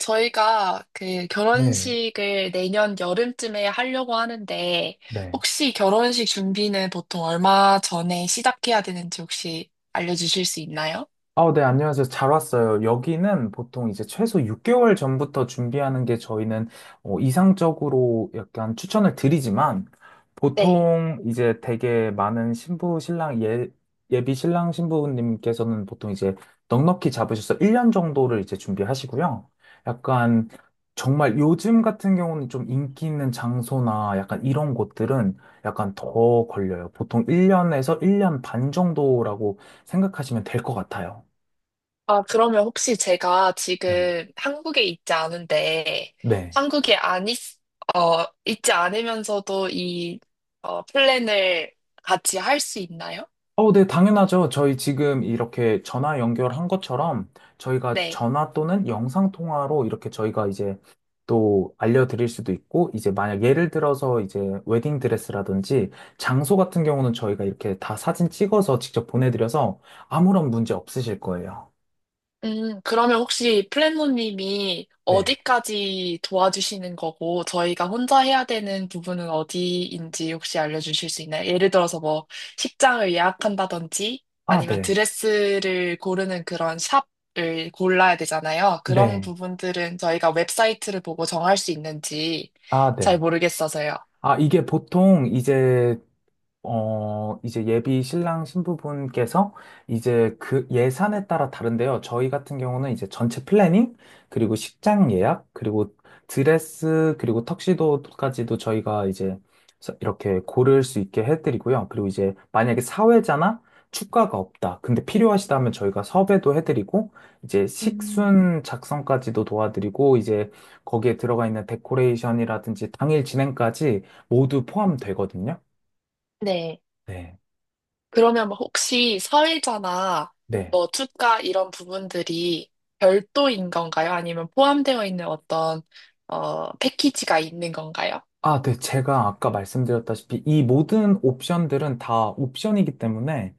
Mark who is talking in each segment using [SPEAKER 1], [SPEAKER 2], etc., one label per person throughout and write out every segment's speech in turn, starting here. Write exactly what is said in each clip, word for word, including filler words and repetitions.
[SPEAKER 1] 저희가 그
[SPEAKER 2] 네,
[SPEAKER 1] 결혼식을 내년 여름쯤에 하려고 하는데,
[SPEAKER 2] 네.
[SPEAKER 1] 혹시 결혼식 준비는 보통 얼마 전에 시작해야 되는지 혹시 알려주실 수 있나요?
[SPEAKER 2] 아, 네, 안녕하세요. 잘 왔어요. 여기는 보통 이제 최소 육 개월 전부터 준비하는 게 저희는 어, 이상적으로 약간 추천을 드리지만,
[SPEAKER 1] 네.
[SPEAKER 2] 보통 이제 되게 많은 신부 신랑 예, 예비 신랑 신부님께서는 보통 이제 넉넉히 잡으셔서 일 년 정도를 이제 준비하시고요. 약간 정말 요즘 같은 경우는 좀 인기 있는 장소나 약간 이런 곳들은 약간 더 걸려요. 보통 일 년에서 일 년 반 정도라고 생각하시면 될 것 같아요.
[SPEAKER 1] 아, 그러면 혹시 제가
[SPEAKER 2] 네.
[SPEAKER 1] 지금 한국에 있지 않은데,
[SPEAKER 2] 네.
[SPEAKER 1] 한국에 안 있, 어, 있지 않으면서도 이, 어, 플랜을 같이 할 수 있나요?
[SPEAKER 2] 어, 네, 당연하죠. 저희 지금 이렇게 전화 연결한 것처럼 저희가
[SPEAKER 1] 네.
[SPEAKER 2] 전화 또는 영상 통화로 이렇게 저희가 이제 또 알려드릴 수도 있고, 이제 만약 예를 들어서 이제 웨딩 드레스라든지 장소 같은 경우는 저희가 이렇게 다 사진 찍어서 직접 보내드려서 아무런 문제 없으실 거예요.
[SPEAKER 1] 음, 그러면 혹시 플랫노님이
[SPEAKER 2] 네.
[SPEAKER 1] 어디까지 도와주시는 거고, 저희가 혼자 해야 되는 부분은 어디인지 혹시 알려주실 수 있나요? 예를 들어서 뭐, 식장을 예약한다든지,
[SPEAKER 2] 아,
[SPEAKER 1] 아니면
[SPEAKER 2] 네.
[SPEAKER 1] 드레스를 고르는 그런 샵을 골라야 되잖아요. 그런
[SPEAKER 2] 네.
[SPEAKER 1] 부분들은 저희가 웹사이트를 보고 정할 수 있는지,
[SPEAKER 2] 아,
[SPEAKER 1] 잘
[SPEAKER 2] 네.
[SPEAKER 1] 모르겠어서요.
[SPEAKER 2] 아, 이게 보통 이제 어, 이제 예비 신랑 신부분께서 이제 그 예산에 따라 다른데요. 저희 같은 경우는 이제 전체 플래닝, 그리고 식장 예약, 그리고 드레스, 그리고 턱시도까지도 저희가 이제 서- 이렇게 고를 수 있게 해드리고요. 그리고 이제 만약에 사회자나 축가가 없다. 근데 필요하시다면 저희가 섭외도 해드리고, 이제
[SPEAKER 1] 음.
[SPEAKER 2] 식순 작성까지도 도와드리고, 이제 거기에 들어가 있는 데코레이션이라든지 당일 진행까지 모두 포함되거든요.
[SPEAKER 1] 네.
[SPEAKER 2] 네.
[SPEAKER 1] 그러면 뭐 혹시 사회자나
[SPEAKER 2] 네.
[SPEAKER 1] 뭐 투자 이런 부분들이 별도인 건가요? 아니면 포함되어 있는 어떤 어, 패키지가 있는 건가요?
[SPEAKER 2] 아, 네. 제가 아까 말씀드렸다시피 이 모든 옵션들은 다 옵션이기 때문에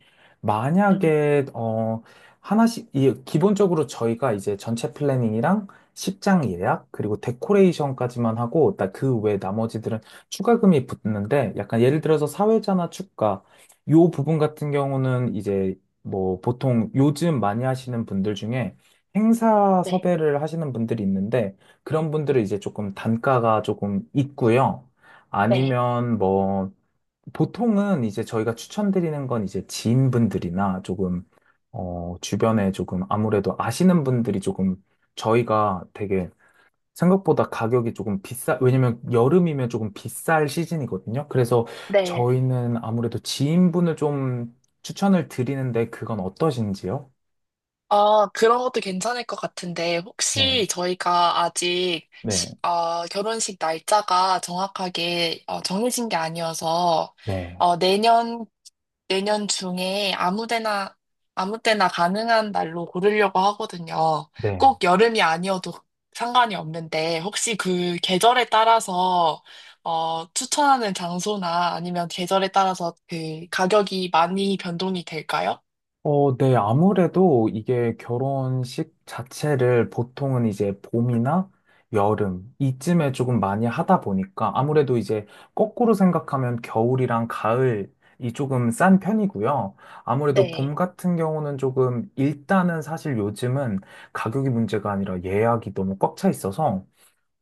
[SPEAKER 1] 음,
[SPEAKER 2] 만약에, 어, 하나씩, 이, 기본적으로 저희가 이제 전체 플래닝이랑 십장 예약, 그리고 데코레이션까지만 하고, 나- 그 외 나머지들은 추가금이 붙는데, 약간 예를 들어서 사회자나 축가, 요 부분 같은 경우는 이제 뭐 보통 요즘 많이 하시는 분들 중에 행사 섭외를 하시는 분들이 있는데, 그런 분들은 이제 조금 단가가 조금 있고요.
[SPEAKER 1] 네.
[SPEAKER 2] 아니면 뭐 보통은 이제 저희가 추천드리는 건 이제 지인분들이나 조금 어 주변에 조금 아무래도 아시는 분들이 조금 저희가 되게 생각보다 가격이 조금 비싸, 왜냐면 여름이면 조금 비쌀 시즌이거든요. 그래서
[SPEAKER 1] 네.
[SPEAKER 2] 저희는 아무래도 지인분을 좀 추천을 드리는데 그건 어떠신지요?
[SPEAKER 1] 아, 그런 것도 괜찮을 것 같은데,
[SPEAKER 2] 네,
[SPEAKER 1] 혹시 저희가 아직 시-
[SPEAKER 2] 네,
[SPEAKER 1] 어, 결혼식 날짜가 정확하게 어, 정해진 게 아니어서,
[SPEAKER 2] 네,
[SPEAKER 1] 어, 내년, 내년 중에 아무 데나, 아무 때나 가능한 날로 고르려고 하거든요.
[SPEAKER 2] 네.
[SPEAKER 1] 꼭 여름이 아니어도 상관이 없는데, 혹시 그 계절에 따라서, 어, 추천하는 장소나 아니면 계절에 따라서 그 가격이 많이 변동이 될까요?
[SPEAKER 2] 어, 네. 아무래도 이게 결혼식 자체를 보통은 이제 봄이나 여름 이쯤에 조금 많이 하다 보니까 아무래도 이제 거꾸로 생각하면 겨울이랑 가을이 조금 싼 편이고요. 아무래도 봄
[SPEAKER 1] 네.
[SPEAKER 2] 같은 경우는 조금 일단은 사실 요즘은 가격이 문제가 아니라 예약이 너무 꽉 차 있어서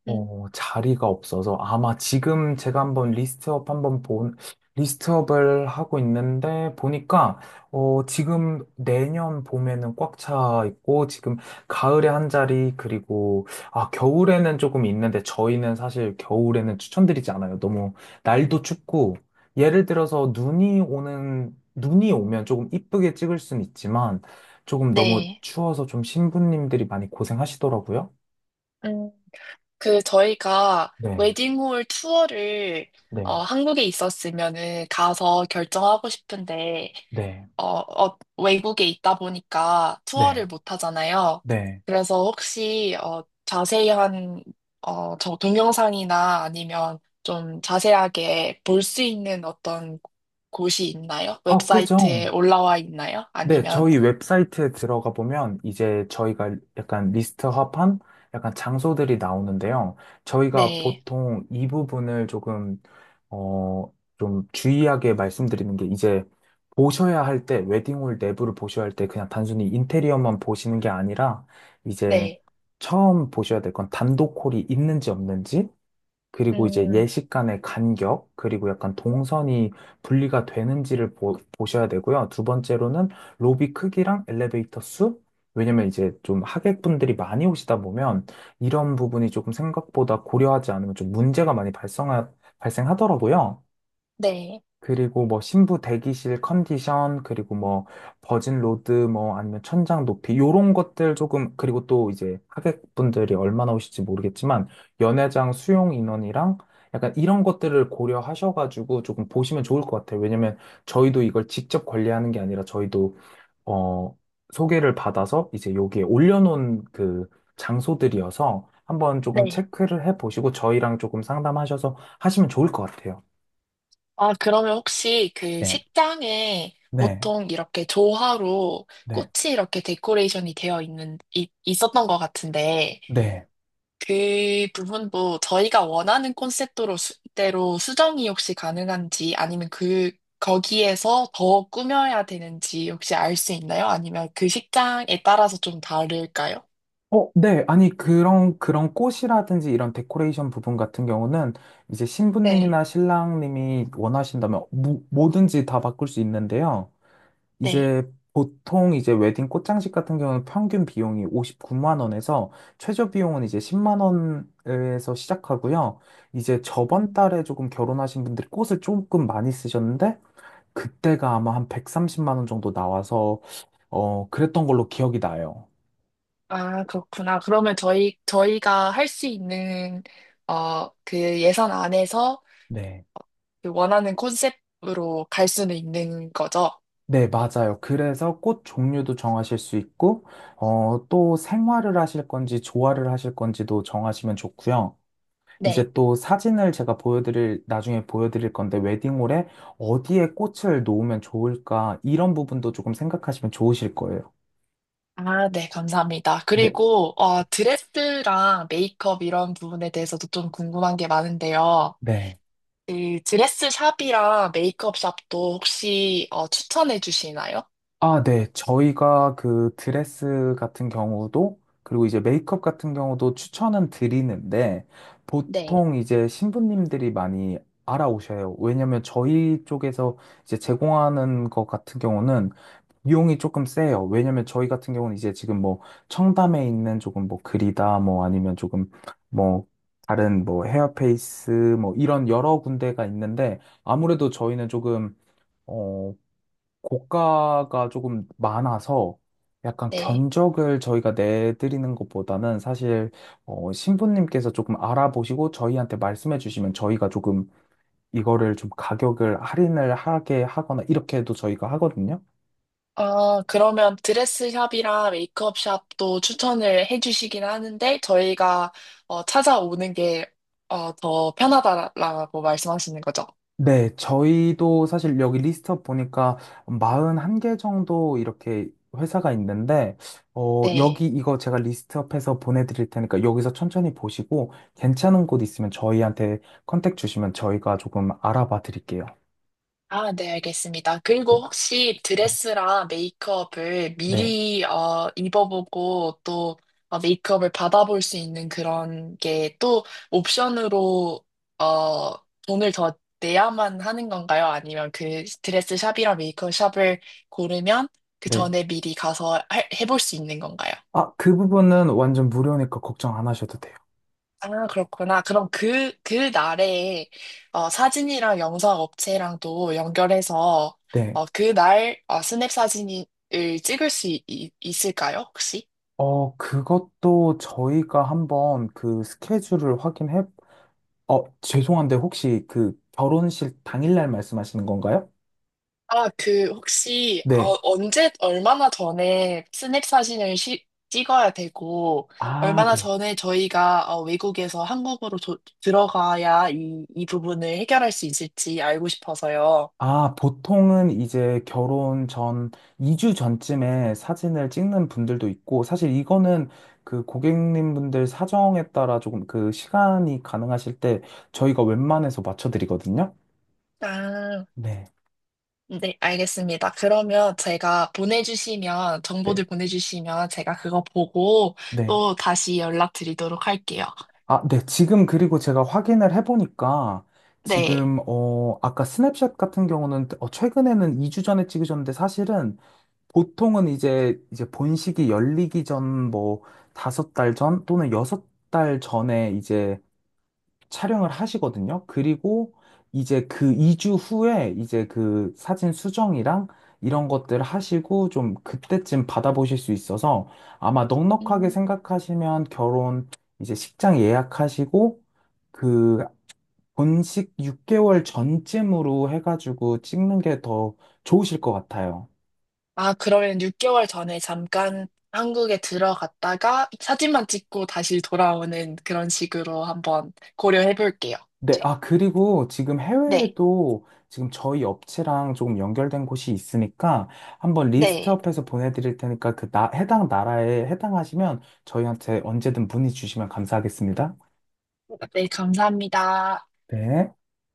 [SPEAKER 1] 음.
[SPEAKER 2] 어, 자리가 없어서 아마 지금 제가 한번 리스트업 한번 본 리스트업을 하고 있는데 보니까 어, 지금 내년 봄에는 꽉 차 있고 지금 가을에 한 자리 그리고 아, 겨울에는 조금 있는데 저희는 사실 겨울에는 추천드리지 않아요. 너무 날도 춥고 예를 들어서 눈이 오는 눈이 오면 조금 이쁘게 찍을 순 있지만 조금 너무
[SPEAKER 1] 네.
[SPEAKER 2] 추워서 좀 신부님들이 많이 고생하시더라고요.
[SPEAKER 1] 음, 그 저희가
[SPEAKER 2] 네.
[SPEAKER 1] 웨딩홀 투어를 어,
[SPEAKER 2] 네.
[SPEAKER 1] 한국에 있었으면은 가서 결정하고 싶은데
[SPEAKER 2] 네.
[SPEAKER 1] 어, 어, 외국에 있다 보니까
[SPEAKER 2] 네,
[SPEAKER 1] 투어를 못 하잖아요.
[SPEAKER 2] 네.
[SPEAKER 1] 그래서 혹시 어, 자세한 어, 저 동영상이나 아니면 좀 자세하게 볼 수 있는 어떤 곳이 있나요?
[SPEAKER 2] 아, 그죠.
[SPEAKER 1] 웹사이트에 올라와 있나요?
[SPEAKER 2] 네,
[SPEAKER 1] 아니면
[SPEAKER 2] 저희 웹사이트에 들어가 보면 이제 저희가 약간 리스트합한 약간 장소들이 나오는데요. 저희가
[SPEAKER 1] 네,
[SPEAKER 2] 보통 이 부분을 조금, 어, 좀 주의하게 말씀드리는 게 이제 보셔야 할 때, 웨딩홀 내부를 보셔야 할 때 그냥 단순히 인테리어만 보시는 게 아니라 이제
[SPEAKER 1] 네,
[SPEAKER 2] 처음 보셔야 될 건 단독홀이 있는지 없는지 그리고 이제
[SPEAKER 1] 음,
[SPEAKER 2] 예식 간의 간격, 그리고 약간 동선이 분리가 되는지를 보, 보셔야 되고요. 두 번째로는 로비 크기랑 엘리베이터 수? 왜냐면 이제 좀 하객분들이 많이 오시다 보면 이런 부분이 조금 생각보다 고려하지 않으면 좀 문제가 많이 발생하, 발생하더라고요.
[SPEAKER 1] 네,
[SPEAKER 2] 그리고 뭐 신부 대기실 컨디션, 그리고 뭐 버진 로드, 뭐 아니면 천장 높이, 요런 것들 조금, 그리고 또 이제 하객분들이 얼마나 오실지 모르겠지만, 연회장 수용 인원이랑 약간 이런 것들을 고려하셔가지고 조금 보시면 좋을 것 같아요. 왜냐면 저희도 이걸 직접 관리하는 게 아니라 저희도, 어, 소개를 받아서 이제 여기에 올려놓은 그 장소들이어서 한번 조금
[SPEAKER 1] 네.
[SPEAKER 2] 체크를 해보시고 저희랑 조금 상담하셔서 하시면 좋을 것 같아요.
[SPEAKER 1] 아, 그러면 혹시 그
[SPEAKER 2] 네.
[SPEAKER 1] 식장에
[SPEAKER 2] 네,
[SPEAKER 1] 보통 이렇게 조화로
[SPEAKER 2] 네.
[SPEAKER 1] 꽃이 이렇게 데코레이션이 되어 있는, 이- 있었던 것 같은데,
[SPEAKER 2] 네.
[SPEAKER 1] 그 부분도 저희가 원하는 콘셉트로 수, 대로 수정이 혹시 가능한지, 아니면 그, 거기에서 더 꾸며야 되는지 혹시 알 수 있나요? 아니면 그 식장에 따라서 좀 다를까요?
[SPEAKER 2] 어, 네. 아니, 그런, 그런 꽃이라든지 이런 데코레이션 부분 같은 경우는 이제
[SPEAKER 1] 네,
[SPEAKER 2] 신부님이나 신랑님이 원하신다면 무, 뭐든지 다 바꿀 수 있는데요.
[SPEAKER 1] 네.
[SPEAKER 2] 이제 보통 이제 웨딩 꽃장식 같은 경우는 평균 비용이 오십구만 원에서 최저 비용은 이제 십만 원에서 시작하고요. 이제 저번
[SPEAKER 1] 음,
[SPEAKER 2] 달에 조금 결혼하신 분들이 꽃을 조금 많이 쓰셨는데 그때가 아마 한 백삼십만 원 정도 나와서 어, 그랬던 걸로 기억이 나요.
[SPEAKER 1] 아, 그렇구나. 그러면 저희, 저희가 할 수 있는, 어, 그 예산 안에서
[SPEAKER 2] 네.
[SPEAKER 1] 그 원하는 콘셉트로 갈 수는 있는 거죠?
[SPEAKER 2] 네, 맞아요. 그래서 꽃 종류도 정하실 수 있고, 어, 또 생화를 하실 건지 조화를 하실 건지도 정하시면 좋고요.
[SPEAKER 1] 네.
[SPEAKER 2] 이제 또 사진을 제가 보여드릴, 나중에 보여드릴 건데, 웨딩홀에 어디에 꽃을 놓으면 좋을까, 이런 부분도 조금 생각하시면 좋으실 거예요.
[SPEAKER 1] 아, 네, 감사합니다.
[SPEAKER 2] 네,
[SPEAKER 1] 그리고, 어, 드레스랑 메이크업 이런 부분에 대해서도 좀 궁금한 게 많은데요.
[SPEAKER 2] 네.
[SPEAKER 1] 그 드레스 샵이랑 메이크업 샵도 혹시, 어, 추천해 주시나요?
[SPEAKER 2] 아, 네. 저희가 그 드레스 같은 경우도, 그리고 이제 메이크업 같은 경우도 추천은 드리는데,
[SPEAKER 1] 네.
[SPEAKER 2] 보통 이제 신부님들이 많이 알아오셔요. 왜냐면 저희 쪽에서 이제 제공하는 것 같은 경우는 비용이 조금 세요. 왜냐면 저희 같은 경우는 이제 지금 뭐 청담에 있는 조금 뭐 그리다, 뭐 아니면 조금 뭐 다른 뭐 헤어페이스, 뭐 이런 여러 군데가 있는데, 아무래도 저희는 조금 어, 고가가 조금 많아서 약간
[SPEAKER 1] 네.
[SPEAKER 2] 견적을 저희가 내드리는 것보다는 사실 어, 신부님께서 조금 알아보시고 저희한테 말씀해 주시면 저희가 조금 이거를 좀 가격을 할인을 하게 하거나 이렇게 해도 저희가 하거든요.
[SPEAKER 1] 아, 그러면 드레스샵이랑 메이크업샵도 추천을 해주시긴 하는데, 저희가 어, 찾아오는 게 어, 더 편하다라고 말씀하시는 거죠?
[SPEAKER 2] 네, 저희도 사실 여기 리스트업 보니까 사십한 개 정도 이렇게 회사가 있는데, 어,
[SPEAKER 1] 네.
[SPEAKER 2] 여기 이거 제가 리스트업해서 보내드릴 테니까 여기서 천천히 보시고 괜찮은 곳 있으면 저희한테 컨택 주시면 저희가 조금 알아봐 드릴게요.
[SPEAKER 1] 아, 네, 알겠습니다.
[SPEAKER 2] 네,
[SPEAKER 1] 그리고 혹시
[SPEAKER 2] 네,
[SPEAKER 1] 드레스랑 메이크업을
[SPEAKER 2] 네.
[SPEAKER 1] 미리 어, 입어보고 또 어, 메이크업을 받아볼 수 있는 그런 게 또 옵션으로 어, 돈을 더 내야만 하는 건가요? 아니면 그 드레스 샵이랑 메이크업 샵을 고르면 그
[SPEAKER 2] 네.
[SPEAKER 1] 전에 미리 가서 할- 해볼 수 있는 건가요?
[SPEAKER 2] 아, 그 부분은 완전 무료니까 걱정 안 하셔도 돼요.
[SPEAKER 1] 아, 그렇구나. 그럼 그, 그 날에, 어, 사진이랑 영상 업체랑도 연결해서,
[SPEAKER 2] 네.
[SPEAKER 1] 어, 그 날, 어, 스냅 사진을 찍을 수 있, 있- 있을까요, 혹시?
[SPEAKER 2] 어, 그것도 저희가 한번 그 스케줄을 확인해, 어, 죄송한데 혹시 그 결혼식 당일날 말씀하시는 건가요?
[SPEAKER 1] 아, 그, 혹시, 어,
[SPEAKER 2] 네.
[SPEAKER 1] 언제, 얼마나 전에 스냅 사진을 시- 찍어야 되고,
[SPEAKER 2] 아,
[SPEAKER 1] 얼마나
[SPEAKER 2] 네.
[SPEAKER 1] 전에 저희가, 어, 외국에서 한국으로 도- 들어가야 이, 이 부분을 해결할 수 있을지 알고 싶어서요.
[SPEAKER 2] 아, 보통은 이제 결혼 전 이 주 전쯤에 사진을 찍는 분들도 있고, 사실 이거는 그 고객님분들 사정에 따라 조금 그 시간이 가능하실 때 저희가 웬만해서 맞춰드리거든요.
[SPEAKER 1] 아.
[SPEAKER 2] 네.
[SPEAKER 1] 네, 알겠습니다. 그러면 제가 보내주시면,
[SPEAKER 2] 네.
[SPEAKER 1] 정보들 보내주시면 제가 그거 보고
[SPEAKER 2] 네.
[SPEAKER 1] 또 다시 연락드리도록 할게요.
[SPEAKER 2] 아, 네. 지금 그리고 제가 확인을 해보니까
[SPEAKER 1] 네.
[SPEAKER 2] 지금, 어, 아까 스냅샷 같은 경우는 어, 최근에는 이 주 전에 찍으셨는데 사실은 보통은 이제 이제 본식이 열리기 전 뭐 다섯 달 전 또는 여섯 달 전에 이제 촬영을 하시거든요. 그리고 이제 그 이 주 후에 이제 그 사진 수정이랑 이런 것들 하시고 좀 그때쯤 받아보실 수 있어서 아마 넉넉하게
[SPEAKER 1] 음.
[SPEAKER 2] 생각하시면 결혼 이제 식장 예약하시고 그 본식 육 개월 전쯤으로 해가지고 찍는 게 더 좋으실 것 같아요.
[SPEAKER 1] 아, 그러면 육 개월 전에 잠깐 한국에 들어갔다가 사진만 찍고 다시 돌아오는 그런 식으로 한번 고려해 볼게요.
[SPEAKER 2] 네, 아, 그리고 지금
[SPEAKER 1] 네,
[SPEAKER 2] 해외에도 지금 저희 업체랑 조금 연결된 곳이 있으니까 한번
[SPEAKER 1] 네.
[SPEAKER 2] 리스트업해서 보내드릴 테니까 그 나, 해당 나라에 해당하시면 저희한테 언제든 문의 주시면 감사하겠습니다.
[SPEAKER 1] 네, 감사합니다.
[SPEAKER 2] 네.